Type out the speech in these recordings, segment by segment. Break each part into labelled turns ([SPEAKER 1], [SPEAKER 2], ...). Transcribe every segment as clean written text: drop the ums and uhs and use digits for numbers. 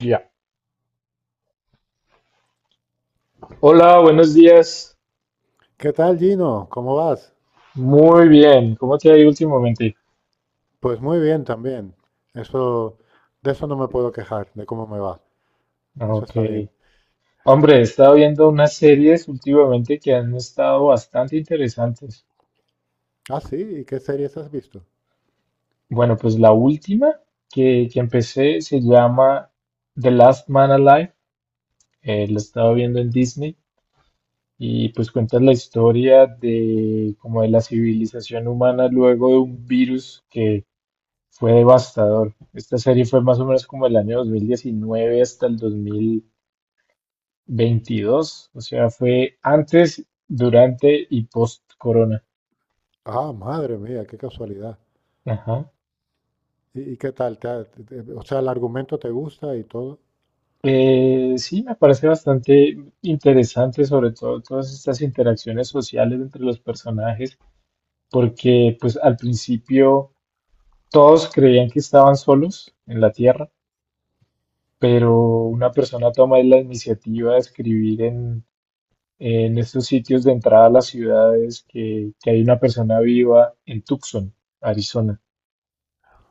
[SPEAKER 1] Ya. Hola, buenos días.
[SPEAKER 2] ¿Qué tal, Gino? ¿Cómo vas?
[SPEAKER 1] Muy bien. ¿Cómo te ha ido últimamente?
[SPEAKER 2] Pues muy bien también. Eso, de eso no me puedo quejar, de cómo me va. Eso
[SPEAKER 1] Ok.
[SPEAKER 2] está bien.
[SPEAKER 1] Hombre, he estado viendo unas series últimamente que han estado bastante interesantes.
[SPEAKER 2] Ah, sí, ¿y qué series has visto?
[SPEAKER 1] Bueno, pues la última que empecé se llama The Last Man Alive. La estaba viendo en Disney y pues cuenta la historia de como de la civilización humana luego de un virus que fue devastador. Esta serie fue más o menos como el año 2019 hasta el 2022, o sea, fue antes, durante y post-corona.
[SPEAKER 2] Ah, madre mía, qué casualidad.
[SPEAKER 1] Ajá.
[SPEAKER 2] ¿Y qué tal? ¿Te ha- te- te- O sea, el argumento te gusta y todo.
[SPEAKER 1] Sí, me parece bastante interesante, sobre todo todas estas interacciones sociales entre los personajes, porque pues al principio todos creían que estaban solos en la Tierra, pero una persona toma la iniciativa de escribir en estos sitios de entrada a las ciudades que hay una persona viva en Tucson, Arizona.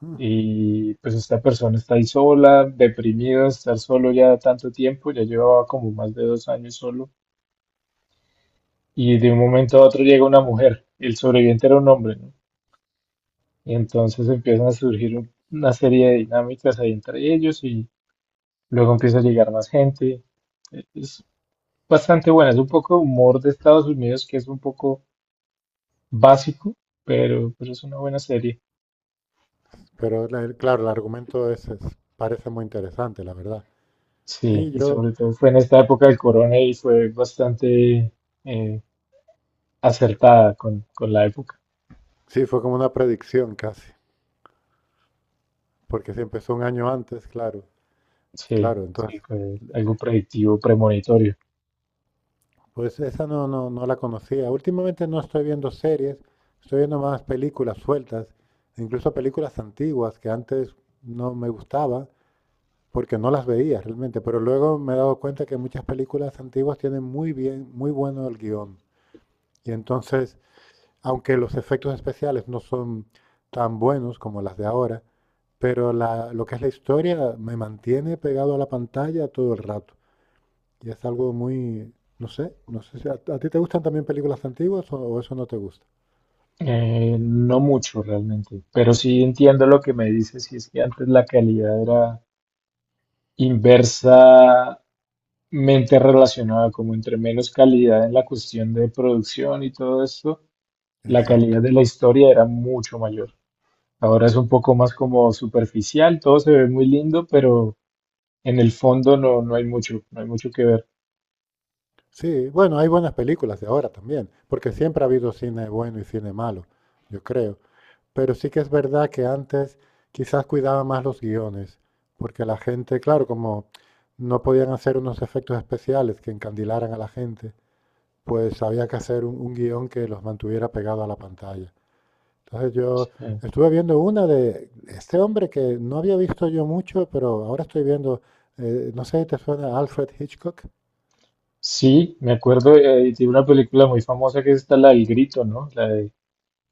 [SPEAKER 2] Ah,
[SPEAKER 1] Y pues esta persona está ahí sola, deprimida, estar solo ya tanto tiempo, ya llevaba como más de 2 años solo. Y de un momento a otro llega una mujer, el sobreviviente era un hombre, ¿no? Y entonces empiezan a surgir una serie de dinámicas ahí entre ellos y luego empieza a llegar más gente. Es bastante buena, es un poco humor de Estados Unidos que es un poco básico, pero es una buena serie.
[SPEAKER 2] pero claro, el argumento parece muy interesante, la verdad.
[SPEAKER 1] Sí,
[SPEAKER 2] Sí,
[SPEAKER 1] y sobre todo fue en esta época del corona y fue bastante... eh, acertada con la época.
[SPEAKER 2] sí, fue como una predicción casi, porque si empezó un año antes, claro,
[SPEAKER 1] Sí,
[SPEAKER 2] claro,
[SPEAKER 1] sí,
[SPEAKER 2] entonces.
[SPEAKER 1] fue algo predictivo, premonitorio.
[SPEAKER 2] Pues esa no, no, no la conocía. Últimamente no estoy viendo series, estoy viendo más películas sueltas, incluso películas antiguas que antes no me gustaba porque no las veía realmente, pero luego me he dado cuenta que muchas películas antiguas tienen muy bien, muy bueno el guión. Y entonces, aunque los efectos especiales no son tan buenos como las de ahora, pero lo que es la historia me mantiene pegado a la pantalla todo el rato. Y es algo muy, no sé, no sé si a ti te gustan también películas antiguas o eso no te gusta.
[SPEAKER 1] No mucho realmente, pero sí entiendo lo que me dices, y es que antes la calidad era inversamente relacionada, como entre menos calidad en la cuestión de producción y todo esto, la calidad
[SPEAKER 2] Exacto.
[SPEAKER 1] de la historia era mucho mayor. Ahora es un poco más como superficial, todo se ve muy lindo, pero en el fondo no hay mucho, no hay mucho que ver.
[SPEAKER 2] Sí, bueno, hay buenas películas de ahora también, porque siempre ha habido cine bueno y cine malo, yo creo. Pero sí que es verdad que antes quizás cuidaba más los guiones, porque la gente, claro, como no podían hacer unos efectos especiales que encandilaran a la gente, pues había que hacer un guión que los mantuviera pegado a la pantalla. Entonces yo
[SPEAKER 1] Eh,
[SPEAKER 2] estuve viendo una de este hombre que no había visto yo mucho, pero ahora estoy viendo, no sé si te suena Alfred Hitchcock.
[SPEAKER 1] Sí, me acuerdo de una película muy famosa que es esta, la del grito, ¿no? La de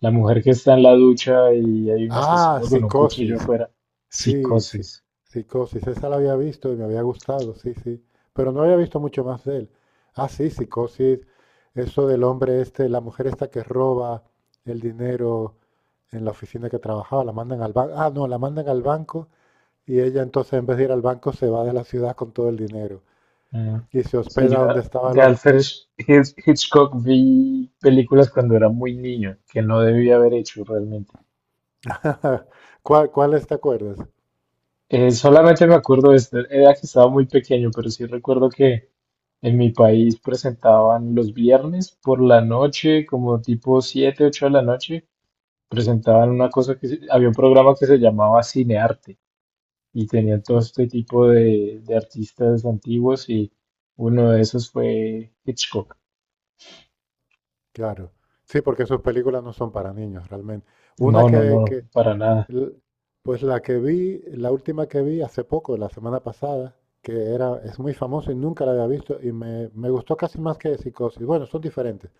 [SPEAKER 1] la mujer que está en la ducha y hay un
[SPEAKER 2] Ah,
[SPEAKER 1] asesino con un cuchillo
[SPEAKER 2] Psicosis.
[SPEAKER 1] afuera.
[SPEAKER 2] Sí, sí.
[SPEAKER 1] Psicosis.
[SPEAKER 2] Psicosis. Esa la había visto y me había gustado, sí, sí. Pero no había visto mucho más de él. Ah, sí, Psicosis. Eso del hombre este, la mujer esta que roba el dinero en la oficina que trabajaba, la mandan al banco. Ah, no, la mandan al banco y ella entonces en vez de ir al banco se va de la ciudad con todo el dinero.
[SPEAKER 1] Ah,
[SPEAKER 2] Y se
[SPEAKER 1] sí,
[SPEAKER 2] hospeda
[SPEAKER 1] yo
[SPEAKER 2] donde estaba
[SPEAKER 1] de
[SPEAKER 2] los...
[SPEAKER 1] Alfred Hitchcock vi películas cuando era muy niño, que no debía haber hecho realmente.
[SPEAKER 2] ¿Cuáles te acuerdas?
[SPEAKER 1] Solamente me acuerdo de esto, era que estaba muy pequeño, pero sí recuerdo que en mi país presentaban los viernes por la noche, como tipo 7, 8 de la noche presentaban una cosa que había un programa que se llamaba Cinearte y tenían todo
[SPEAKER 2] Ujú.
[SPEAKER 1] este tipo de artistas antiguos y uno de esos fue Hitchcock.
[SPEAKER 2] Claro. Sí, porque sus películas no son para niños, realmente. Una
[SPEAKER 1] No, no, no,
[SPEAKER 2] que,
[SPEAKER 1] para nada.
[SPEAKER 2] l- Pues la que vi, la última que vi hace poco, la semana pasada, que era, es muy famosa y nunca la había visto, y me gustó casi más que Psicosis. Bueno, son diferentes.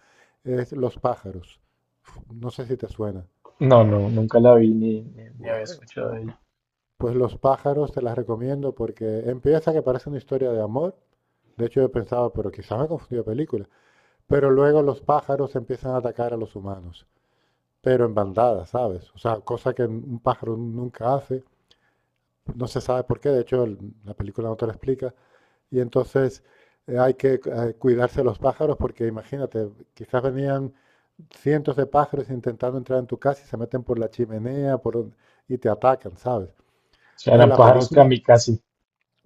[SPEAKER 2] Es Los pájaros. Uf, no sé si te suena.
[SPEAKER 1] No, no, nunca la vi ni había
[SPEAKER 2] Guau.
[SPEAKER 1] escuchado de ella.
[SPEAKER 2] Pues Los pájaros te las recomiendo porque empieza que parece una historia de amor. De hecho, yo pensaba, pero quizá me confundí de película. Pero luego los pájaros empiezan a atacar a los humanos, pero en bandadas, ¿sabes? O sea, cosa que un pájaro nunca hace, no se sabe por qué, de hecho la película no te lo explica, y entonces hay que cuidarse de los pájaros porque imagínate, quizás venían cientos de pájaros intentando entrar en tu casa y se meten por la chimenea por y te atacan, ¿sabes?
[SPEAKER 1] O sea,
[SPEAKER 2] Entonces
[SPEAKER 1] eran
[SPEAKER 2] la
[SPEAKER 1] pájaros
[SPEAKER 2] película.
[SPEAKER 1] kamikaze.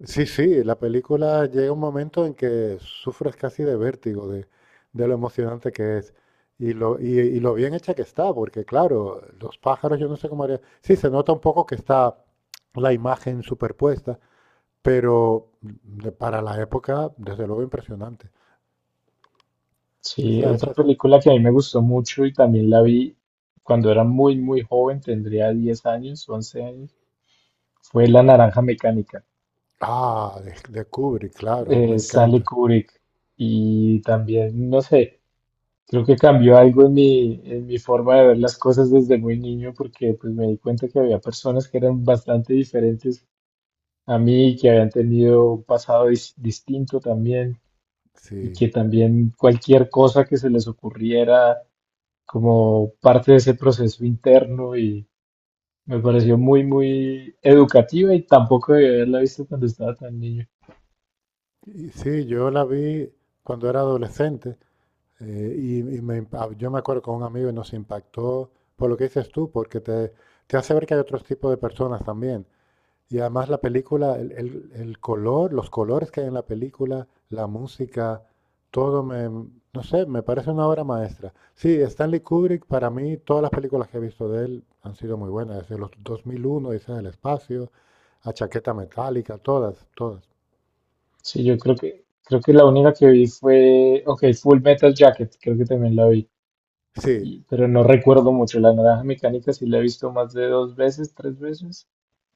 [SPEAKER 2] Sí, sí, la película llega un momento en que sufres casi de vértigo de lo emocionante que es y lo bien hecha que está, porque claro, los pájaros yo no sé cómo haría. Sí, se nota un poco que está la imagen superpuesta, pero para la época, desde luego impresionante.
[SPEAKER 1] Sí,
[SPEAKER 2] Esa, esa
[SPEAKER 1] otra
[SPEAKER 2] es-
[SPEAKER 1] película que a mí me gustó mucho y también la vi cuando era muy, muy joven, tendría 10 años, 11 años, fue La Naranja Mecánica,
[SPEAKER 2] Ah, de Kubrick, claro, me
[SPEAKER 1] Stanley
[SPEAKER 2] encanta.
[SPEAKER 1] Kubrick. Y también, no sé, creo que cambió algo en en mi forma de ver las cosas desde muy niño porque pues me di cuenta que había personas que eran bastante diferentes a mí, que habían tenido un pasado distinto también y
[SPEAKER 2] Sí.
[SPEAKER 1] que también cualquier cosa que se les ocurriera como parte de ese proceso interno y me pareció muy, muy educativa y tampoco debía haberla visto cuando estaba tan niño.
[SPEAKER 2] Y sí, yo la vi cuando era adolescente. Yo me acuerdo con un amigo y nos impactó por lo que dices tú, porque te hace ver que hay otros tipos de personas también. Y además la película, el color, los colores que hay en la película, la música, todo no sé, me parece una obra maestra. Sí, Stanley Kubrick, para mí, todas las películas que he visto de él han sido muy buenas, desde los 2001, dice del espacio, a Chaqueta Metálica, todas, todas.
[SPEAKER 1] Sí, yo creo que la única que vi fue, ok, Full Metal Jacket, creo que también la vi.
[SPEAKER 2] Sí,
[SPEAKER 1] Pero no recuerdo mucho. La naranja mecánica sí la he visto más de 2 veces, 3 veces,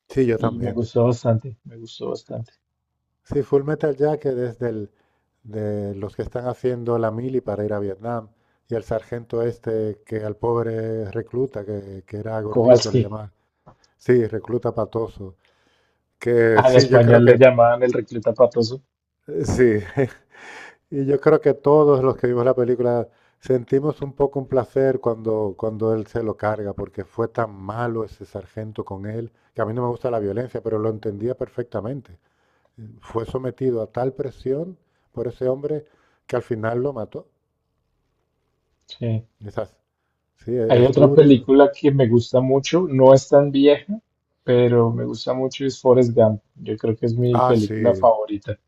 [SPEAKER 2] sí, yo
[SPEAKER 1] y me
[SPEAKER 2] también.
[SPEAKER 1] gustó bastante, me gustó bastante.
[SPEAKER 2] Sí, Full Metal Jacket es del, de los que están haciendo la mili para ir a Vietnam. Y el sargento este que al pobre recluta, que era gordito, le
[SPEAKER 1] Kowalski,
[SPEAKER 2] llamaban. Sí, recluta patoso. Que
[SPEAKER 1] ah, en
[SPEAKER 2] sí, yo creo
[SPEAKER 1] español le
[SPEAKER 2] que,
[SPEAKER 1] llamaban el recluta patoso.
[SPEAKER 2] sí, Y yo creo que todos los que vimos la película sentimos un poco un placer cuando él se lo carga, porque fue tan malo ese sargento con él, que a mí no me gusta la violencia, pero lo entendía perfectamente. Fue sometido a tal presión por ese hombre que al final lo mató.
[SPEAKER 1] Sí.
[SPEAKER 2] Quizás, sí,
[SPEAKER 1] Hay
[SPEAKER 2] es
[SPEAKER 1] otra
[SPEAKER 2] duro.
[SPEAKER 1] película que me gusta mucho, no es tan vieja, pero me gusta mucho, es Forrest Gump. Yo creo que es mi
[SPEAKER 2] Ah,
[SPEAKER 1] película
[SPEAKER 2] sí,
[SPEAKER 1] favorita.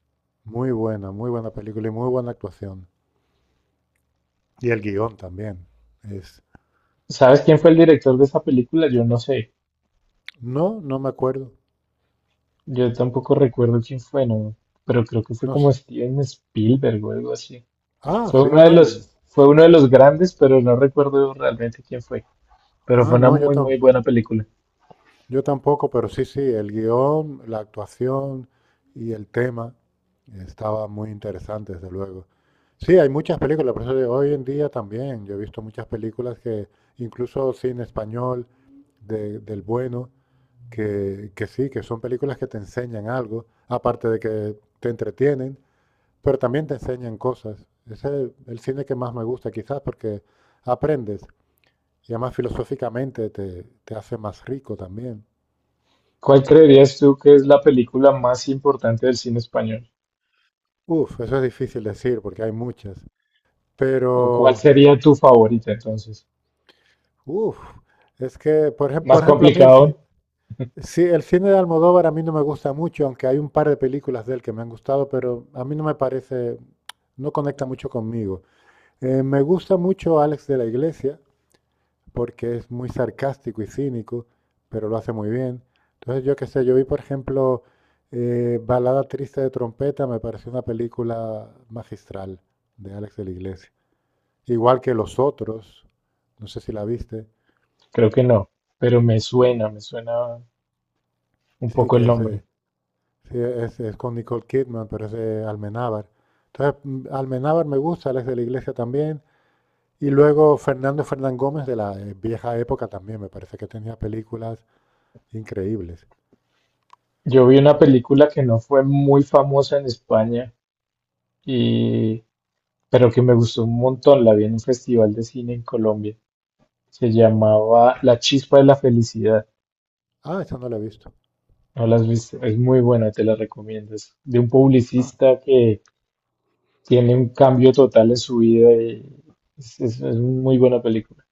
[SPEAKER 2] muy buena película y muy buena actuación. Y el guión también. Es...
[SPEAKER 1] ¿Sabes quién fue el director de esa película? Yo no sé.
[SPEAKER 2] No, no me acuerdo.
[SPEAKER 1] Yo tampoco recuerdo quién fue, no, pero creo que fue
[SPEAKER 2] No,
[SPEAKER 1] como Steven Spielberg o algo así.
[SPEAKER 2] ah,
[SPEAKER 1] Fue
[SPEAKER 2] sí,
[SPEAKER 1] uno de los, fue uno de los grandes, pero no recuerdo realmente quién fue. Pero
[SPEAKER 2] ah,
[SPEAKER 1] fue una
[SPEAKER 2] no, yo
[SPEAKER 1] muy, muy
[SPEAKER 2] tampoco.
[SPEAKER 1] buena película.
[SPEAKER 2] Yo tampoco, pero sí, sí, el guión, la actuación y el tema estaba muy interesante, desde luego. Sí, hay muchas películas, por eso digo, hoy en día también. Yo he visto muchas películas que, incluso cine español del bueno, que sí, que son películas que te enseñan algo, aparte de que te entretienen, pero también te enseñan cosas. Ese es el cine que más me gusta, quizás, porque aprendes y además filosóficamente te hace más rico también.
[SPEAKER 1] ¿Cuál creerías tú que es la película más importante del cine español?
[SPEAKER 2] Uf, eso es difícil decir porque hay muchas.
[SPEAKER 1] ¿O cuál
[SPEAKER 2] Pero,
[SPEAKER 1] sería tu favorita entonces?
[SPEAKER 2] uf, es que,
[SPEAKER 1] ¿Más
[SPEAKER 2] por ejemplo, a mí
[SPEAKER 1] complicado?
[SPEAKER 2] sí, el cine de Almodóvar a mí no me gusta mucho, aunque hay un par de películas de él que me han gustado, pero a mí no me parece, no conecta mucho conmigo. Me gusta mucho Alex de la Iglesia porque es muy sarcástico y cínico, pero lo hace muy bien. Entonces, yo qué sé, yo vi, por ejemplo, Balada Triste de Trompeta, me pareció una película magistral de Alex de la Iglesia. Igual que los otros, no sé si la viste,
[SPEAKER 1] Creo que no, pero me suena, un
[SPEAKER 2] sí,
[SPEAKER 1] poco el
[SPEAKER 2] que es,
[SPEAKER 1] nombre.
[SPEAKER 2] sí, es con Nicole Kidman, pero es de Almenábar. Entonces, Almenábar me gusta, él es de la iglesia también. Y luego Fernando Fernán Gómez de la vieja época también, me parece que tenía películas increíbles.
[SPEAKER 1] Yo vi una película que no fue muy famosa en España y pero que me gustó un montón. La vi en un festival de cine en Colombia. Se llamaba La Chispa de la Felicidad.
[SPEAKER 2] Ah, esa no la he visto.
[SPEAKER 1] No la has visto, es muy buena, te la recomiendo. Es de un
[SPEAKER 2] Ah,
[SPEAKER 1] publicista que tiene un cambio total en su vida y es muy buena película.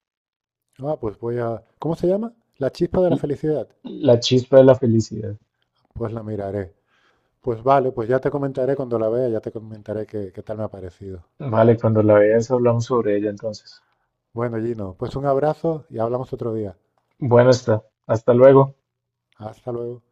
[SPEAKER 2] ah, pues voy a... ¿Cómo se llama? La chispa de la
[SPEAKER 1] L-
[SPEAKER 2] felicidad.
[SPEAKER 1] La chispa de la felicidad.
[SPEAKER 2] Pues la miraré. Pues vale, pues ya te comentaré cuando la vea, ya te comentaré qué tal me ha parecido.
[SPEAKER 1] Vale, cuando la veas hablamos sobre ella entonces.
[SPEAKER 2] Bueno, Gino, pues un abrazo y hablamos otro día.
[SPEAKER 1] Bueno está, hasta luego.
[SPEAKER 2] Hasta luego.